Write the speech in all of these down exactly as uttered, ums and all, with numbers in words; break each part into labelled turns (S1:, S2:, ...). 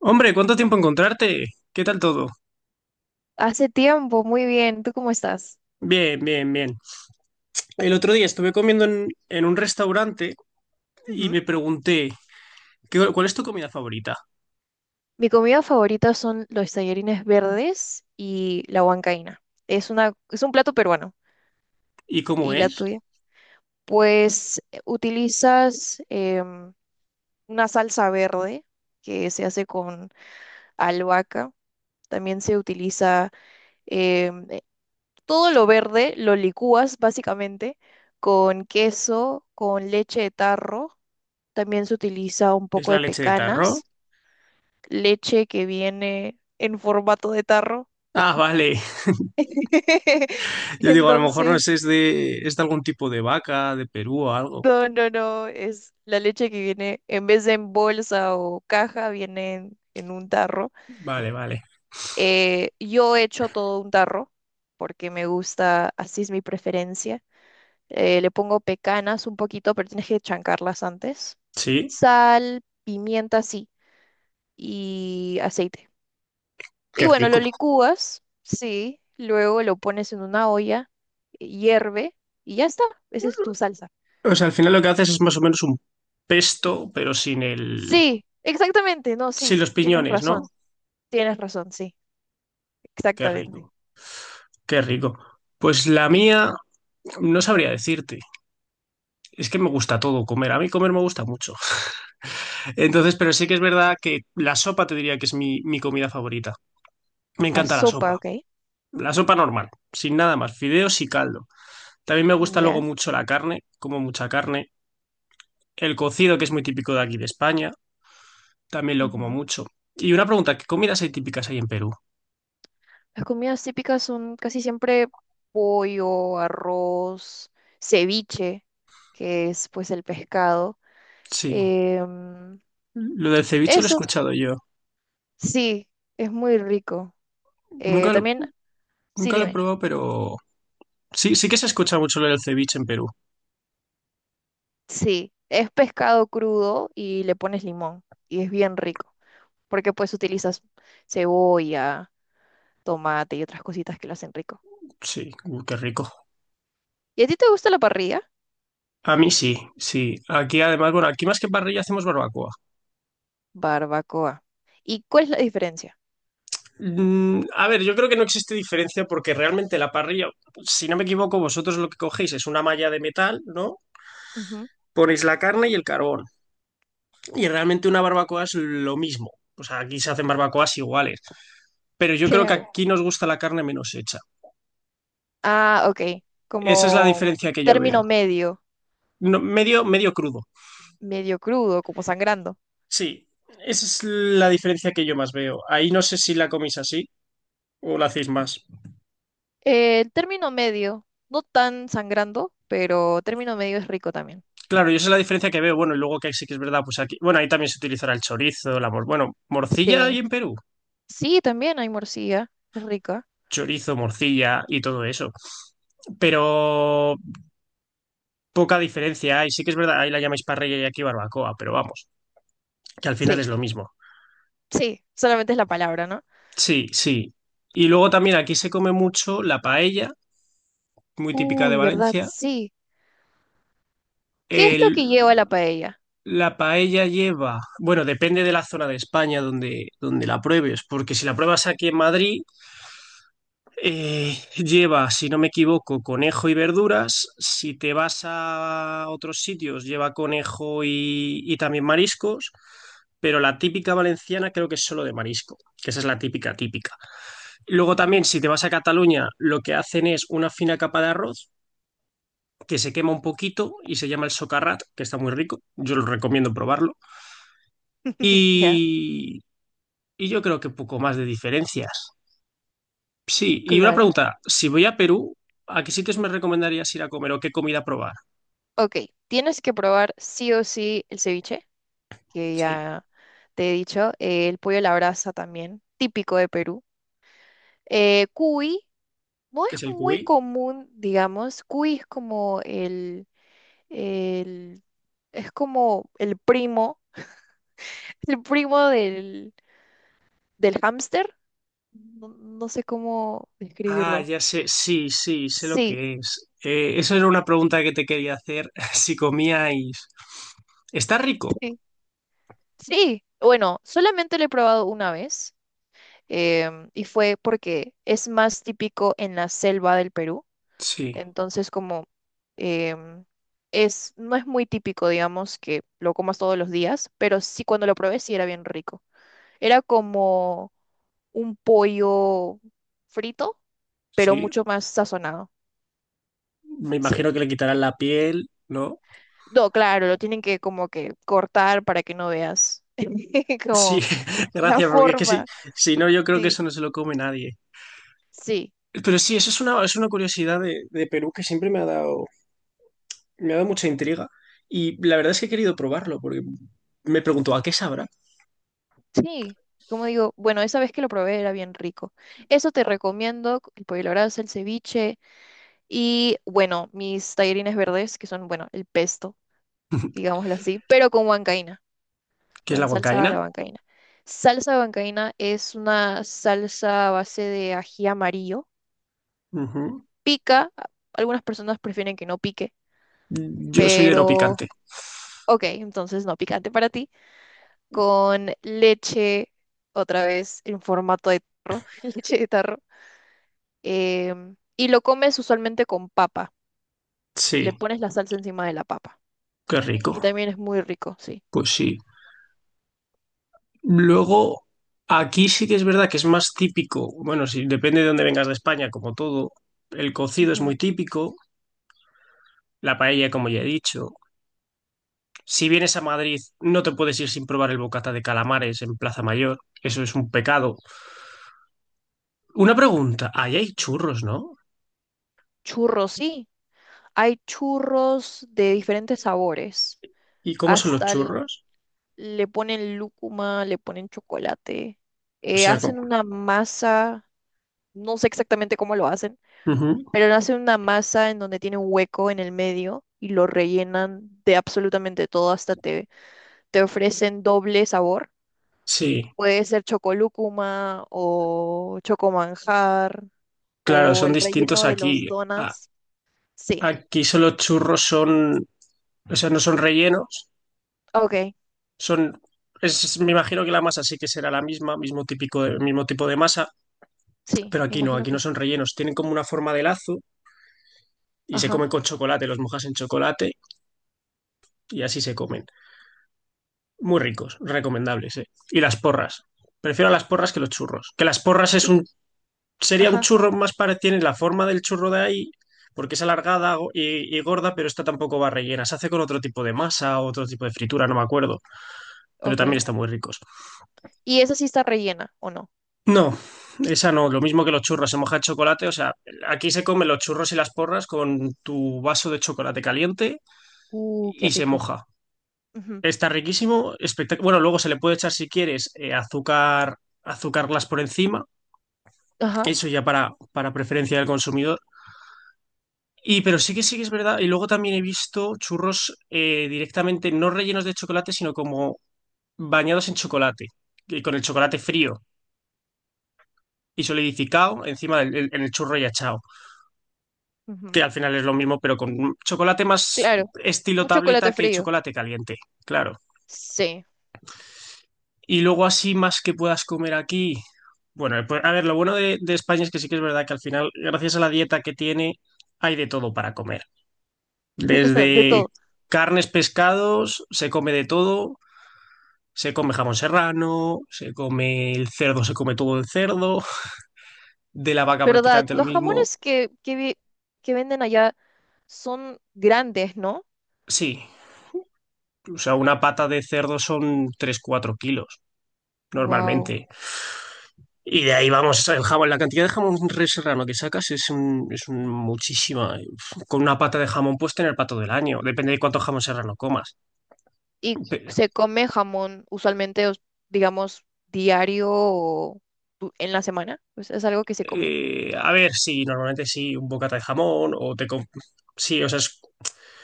S1: Hombre, ¿cuánto tiempo encontrarte? ¿Qué tal todo?
S2: Hace tiempo, muy bien. ¿Tú cómo estás?
S1: Bien, bien, bien. El otro día estuve comiendo en, en un restaurante y
S2: Ujú.
S1: me pregunté, ¿qué- ¿cuál es tu comida favorita?
S2: Mi comida favorita son los tallarines verdes y la huancaína. Es una, es un plato peruano.
S1: ¿Y cómo
S2: ¿Y la
S1: es?
S2: tuya? Pues eh, utilizas em, una salsa verde que se hace con albahaca. También se utiliza em, eh, todo lo verde, lo licúas básicamente con queso, con leche de tarro. También se utiliza un
S1: ¿Es
S2: poco
S1: la
S2: de
S1: leche de tarro?
S2: pecanas, leche que viene en formato de tarro.
S1: Ah, vale. Yo digo, a lo mejor no
S2: Entonces,
S1: sé, es de, es de algún tipo de vaca, de Perú o algo.
S2: no, no, no, es la leche que viene, en vez de en bolsa o caja, viene en, en un tarro.
S1: Vale, vale.
S2: Eh, yo hecho todo un tarro porque me gusta, así es mi preferencia. Eh, le pongo pecanas un poquito, pero tienes que chancarlas antes.
S1: Sí,
S2: Sal, pimienta, sí, y aceite. Y
S1: qué
S2: bueno, lo
S1: rico.
S2: licúas, sí, luego lo pones en una olla, eh, hierve y ya está, esa es tu salsa.
S1: O sea, al final lo que haces es más o menos un pesto, pero sin el,
S2: Sí, exactamente, no,
S1: sin
S2: sí,
S1: los
S2: tienes
S1: piñones, ¿no?
S2: razón, tienes razón, sí,
S1: Qué
S2: exactamente.
S1: rico, qué rico. Pues la
S2: Y
S1: mía, no sabría decirte. Es que me gusta todo comer. A mí comer me gusta mucho. Entonces, pero sí que es verdad que la sopa te diría que es mi, mi comida favorita. Me
S2: la
S1: encanta la
S2: sopa,
S1: sopa.
S2: ¿ok?
S1: La sopa normal, sin nada más, fideos y caldo. También me gusta luego
S2: Ya.
S1: mucho la carne, como mucha carne. El cocido, que es muy típico de aquí de España, también lo como
S2: Ujú.
S1: mucho. Y una pregunta, ¿qué comidas hay típicas ahí en Perú?
S2: Las comidas típicas son casi siempre pollo, arroz, ceviche, que es pues el pescado.
S1: Sí.
S2: em,
S1: Lo del ceviche lo he
S2: Eso,
S1: escuchado yo.
S2: sí, es muy rico. Eh,
S1: Nunca lo,
S2: también, sí,
S1: nunca lo he
S2: dime.
S1: probado, pero sí, sí que se escucha mucho lo del ceviche en Perú.
S2: Sí, es pescado crudo y le pones limón y es bien rico, porque pues utilizas cebolla, tomate y otras cositas que lo hacen rico.
S1: Sí, uh, qué rico.
S2: ¿Y a ti te gusta la parrilla?
S1: A mí sí, sí. Aquí además, bueno, aquí más que parrilla hacemos barbacoa.
S2: Barbacoa. ¿Y cuál es la diferencia?
S1: Mm, a ver, yo creo que no existe diferencia porque realmente la parrilla, si no me equivoco, vosotros lo que cogéis es una malla de metal, ¿no?
S2: Ujú.
S1: Ponéis la carne y el carbón. Y realmente una barbacoa es lo mismo. O sea, aquí se hacen barbacoas iguales. Pero yo creo que
S2: Claro.
S1: aquí nos gusta la carne menos hecha.
S2: Ah, ok.
S1: Esa es la
S2: Como
S1: diferencia que yo veo.
S2: término medio,
S1: No, medio, medio crudo.
S2: medio crudo, como sangrando.
S1: Sí, esa es la diferencia que yo más veo. Ahí no sé si la coméis así o la hacéis más.
S2: Eh, El término medio, no tan sangrando, pero término medio es rico también.
S1: Claro, yo esa es la diferencia que veo. Bueno, y luego que sí que es verdad, pues aquí, bueno, ahí también se utilizará el chorizo, la mor, bueno, morcilla hay
S2: Sí,
S1: en Perú,
S2: sí, también hay morcilla, es rica.
S1: chorizo, morcilla y todo eso. Pero poca diferencia hay. Sí que es verdad, ahí la llamáis parrilla y aquí barbacoa, pero vamos, que al final
S2: Sí.
S1: es lo mismo.
S2: Sí, solamente es la palabra, ¿no?
S1: Sí, sí. Y luego también aquí se come mucho la paella, muy típica de
S2: Uy, ¿verdad?
S1: Valencia.
S2: Sí. ¿Qué es
S1: El,
S2: lo que lleva la paella?
S1: la paella lleva, bueno, depende de la zona de España donde, donde la pruebes, porque si la pruebas aquí en Madrid, Eh, lleva, si no me equivoco, conejo y verduras. Si te vas a otros sitios, lleva conejo y, y también mariscos. Pero la típica valenciana creo que es solo de marisco, que esa es la típica típica. Luego
S2: Ujú.
S1: también, si te vas a Cataluña, lo que hacen es una fina capa de arroz que se quema un poquito y se llama el socarrat, que está muy rico. Yo lo recomiendo probarlo.
S2: Ya,
S1: Y, y yo creo que poco más de diferencias. Sí, y una
S2: claro.
S1: pregunta, si voy a Perú, ¿a qué sitios me recomendarías ir a comer o qué comida probar?
S2: Ok, tienes que probar sí o sí el ceviche, que
S1: Sí,
S2: ya te he dicho, eh, el pollo a la brasa también, típico de Perú. Eh, cuy, no es
S1: ¿qué es el
S2: muy
S1: cuy?
S2: común, digamos, cuy es como el, el, es como el primo, el primo del, del hámster, no no sé cómo
S1: Ah,
S2: describirlo.
S1: ya sé, sí, sí, sé lo
S2: Sí.
S1: que es. Eh, esa era una pregunta que te quería hacer, si comíais. ¿Está rico?
S2: Sí. Sí, bueno, solamente lo he probado una vez em, y fue porque es más típico en la selva del Perú,
S1: Sí,
S2: entonces como em, es, no es muy típico, digamos, que lo comas todos los días, pero sí cuando lo probé sí era bien rico. Era como un pollo frito, pero
S1: sí,
S2: mucho más sazonado,
S1: me
S2: sí.
S1: imagino que le quitarán la piel, ¿no?
S2: No, claro, lo tienen que como que cortar para que no veas
S1: Sí,
S2: como la
S1: gracias, porque es que si,
S2: forma,
S1: si no, yo creo que
S2: sí,
S1: eso no se lo come nadie.
S2: sí.
S1: Pero sí, eso es una, es una curiosidad de, de Perú que siempre me ha dado, me ha dado mucha intriga y la verdad es que he querido probarlo porque me pregunto, ¿a qué sabrá?
S2: Sí, como digo, bueno, esa vez que lo probé era bien rico. Eso te recomiendo, c- el pollo a la brasa, el ceviche y, bueno, mis tallarines verdes, que son, bueno, el pesto, digámoslo así, pero con huancaína,
S1: ¿Qué es la
S2: con salsa de
S1: huancaína?
S2: la huancaína. Salsa de huancaína es una salsa a base de ají amarillo.
S1: Ujú.
S2: Pica, a- algunas personas prefieren que no pique,
S1: Yo soy de no
S2: pero,
S1: picante.
S2: ok, entonces no picante para ti. Con leche, otra vez, en formato de tarro, leche de tarro, em, y lo comes usualmente con papa.
S1: Sí,
S2: Le pones la salsa encima de la papa.
S1: qué
S2: Y
S1: rico.
S2: también es muy rico, sí.
S1: Pues sí. Luego, aquí sí que es verdad que es más típico. Bueno, sí, depende de dónde vengas de España, como todo. El cocido es muy
S2: Ujú.
S1: típico, la paella, como ya he dicho. Si vienes a Madrid, no te puedes ir sin probar el bocata de calamares en Plaza Mayor. Eso es un pecado. Una pregunta, ahí hay churros, ¿no?
S2: Churros, sí. Hay churros de diferentes sabores.
S1: ¿Y cómo son los
S2: Hasta l-
S1: churros?
S2: le ponen lúcuma, le ponen chocolate.
S1: O
S2: Eh,
S1: sea,
S2: hacen una masa, no sé exactamente cómo lo hacen,
S1: ujú.
S2: pero hacen una masa en donde tiene un hueco en el medio y lo rellenan de absolutamente todo, hasta te te ofrecen doble sabor.
S1: Sí,
S2: Puede ser chocolúcuma o chocomanjar
S1: claro,
S2: o
S1: son
S2: el
S1: distintos
S2: relleno de
S1: aquí.
S2: los
S1: A-
S2: donuts. Sí,
S1: Aquí solo churros son, o sea, no son rellenos,
S2: ok,
S1: son, es, me imagino que la masa sí que será la misma, mismo típico de- mismo tipo de masa,
S2: sí,
S1: pero
S2: me
S1: aquí no,
S2: imagino
S1: aquí no
S2: que sí.
S1: son rellenos, tienen como una forma de lazo y se
S2: Ajá,
S1: comen con chocolate, los mojas en chocolate y así se comen. Muy ricos, recomendables, ¿eh? Y las porras. Prefiero las porras que los churros, que las porras es
S2: y,
S1: un sería un
S2: ajá,
S1: churro más para, tiene la forma del churro de ahí, porque es alargada go- y, y gorda, pero esta tampoco va rellena. Se hace con otro tipo de masa, o otro tipo de fritura, no me acuerdo, pero
S2: ok.
S1: también están muy ricos.
S2: ¿Y esa sí está rellena o no?
S1: No, esa no, lo mismo que los churros, se moja el chocolate, o sea, aquí se comen los churros y las porras con tu vaso de chocolate caliente
S2: Uh, qué
S1: y se
S2: rico.
S1: moja.
S2: Ujú.
S1: Está riquísimo, espectac- bueno, luego se le puede echar si quieres eh, azúcar, azúcar glass por encima,
S2: Ajá,
S1: eso ya para, para preferencia del consumidor, y pero sí que sí que es verdad. Y luego también he visto churros eh, directamente, no rellenos de chocolate, sino como bañados en chocolate, y con el chocolate frío y solidificado encima del, el- en el churro y achao, que
S2: ujú.
S1: al final es lo mismo, pero con chocolate más
S2: Claro,
S1: estilo
S2: un
S1: tableta
S2: chocolate
S1: que
S2: frío.
S1: chocolate caliente, claro.
S2: Sí,
S1: Y luego así más que puedas comer aquí. Bueno, pues, a ver, lo bueno de, de España es que sí que es verdad que al final, gracias a la dieta que tiene, hay de todo para comer.
S2: de
S1: Desde
S2: todo.
S1: carnes, pescados, se come de todo. Se come jamón serrano, se come el cerdo, se come todo el cerdo, de la vaca
S2: ¿Verdad?
S1: prácticamente lo
S2: Los
S1: mismo.
S2: jamones que, que, vi- que venden allá son grandes, ¿no?
S1: Sí, o sea, una pata de cerdo son tres cuatro kilos
S2: Wow.
S1: normalmente. Y de ahí vamos, el jamón, la cantidad de jamón re serrano que sacas es, un, es un muchísima. Con una pata de jamón puedes tener pato del año, depende de cuánto jamón serrano comas.
S2: Y
S1: Pero,
S2: se come jamón usualmente, os- digamos, diario o du- en la semana. Pues es algo que se come.
S1: eh, a ver, sí, normalmente sí, un bocata de jamón o te... com- Sí, o sea, es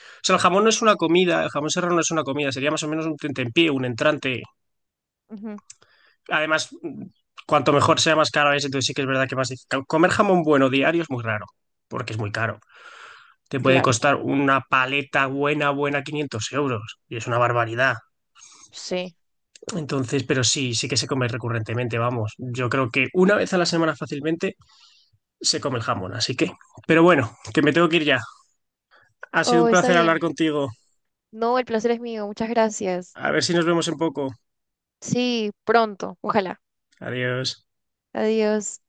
S1: o sea, el jamón no es una comida, el jamón serrano no es una comida, sería más o menos un tentempié, un entrante.
S2: Ujú.
S1: Además, mm, cuanto mejor sea, más caro es, entonces sí que es verdad que más difícil. Comer jamón bueno diario es muy raro, porque es muy caro. Te puede
S2: Claro.
S1: costar una paleta buena, buena, quinientos euros, y es una barbaridad.
S2: Sí.
S1: Entonces, pero sí, sí que se come recurrentemente, vamos. Yo creo que una vez a la semana fácilmente se come el jamón, así que. Pero bueno, que me tengo que ir ya. Ha sido un
S2: Oh, está
S1: placer hablar
S2: bien.
S1: contigo.
S2: No, el placer es mío. Muchas gracias.
S1: A ver si nos vemos en poco.
S2: Sí, pronto. Ojalá.
S1: Adiós.
S2: Adiós.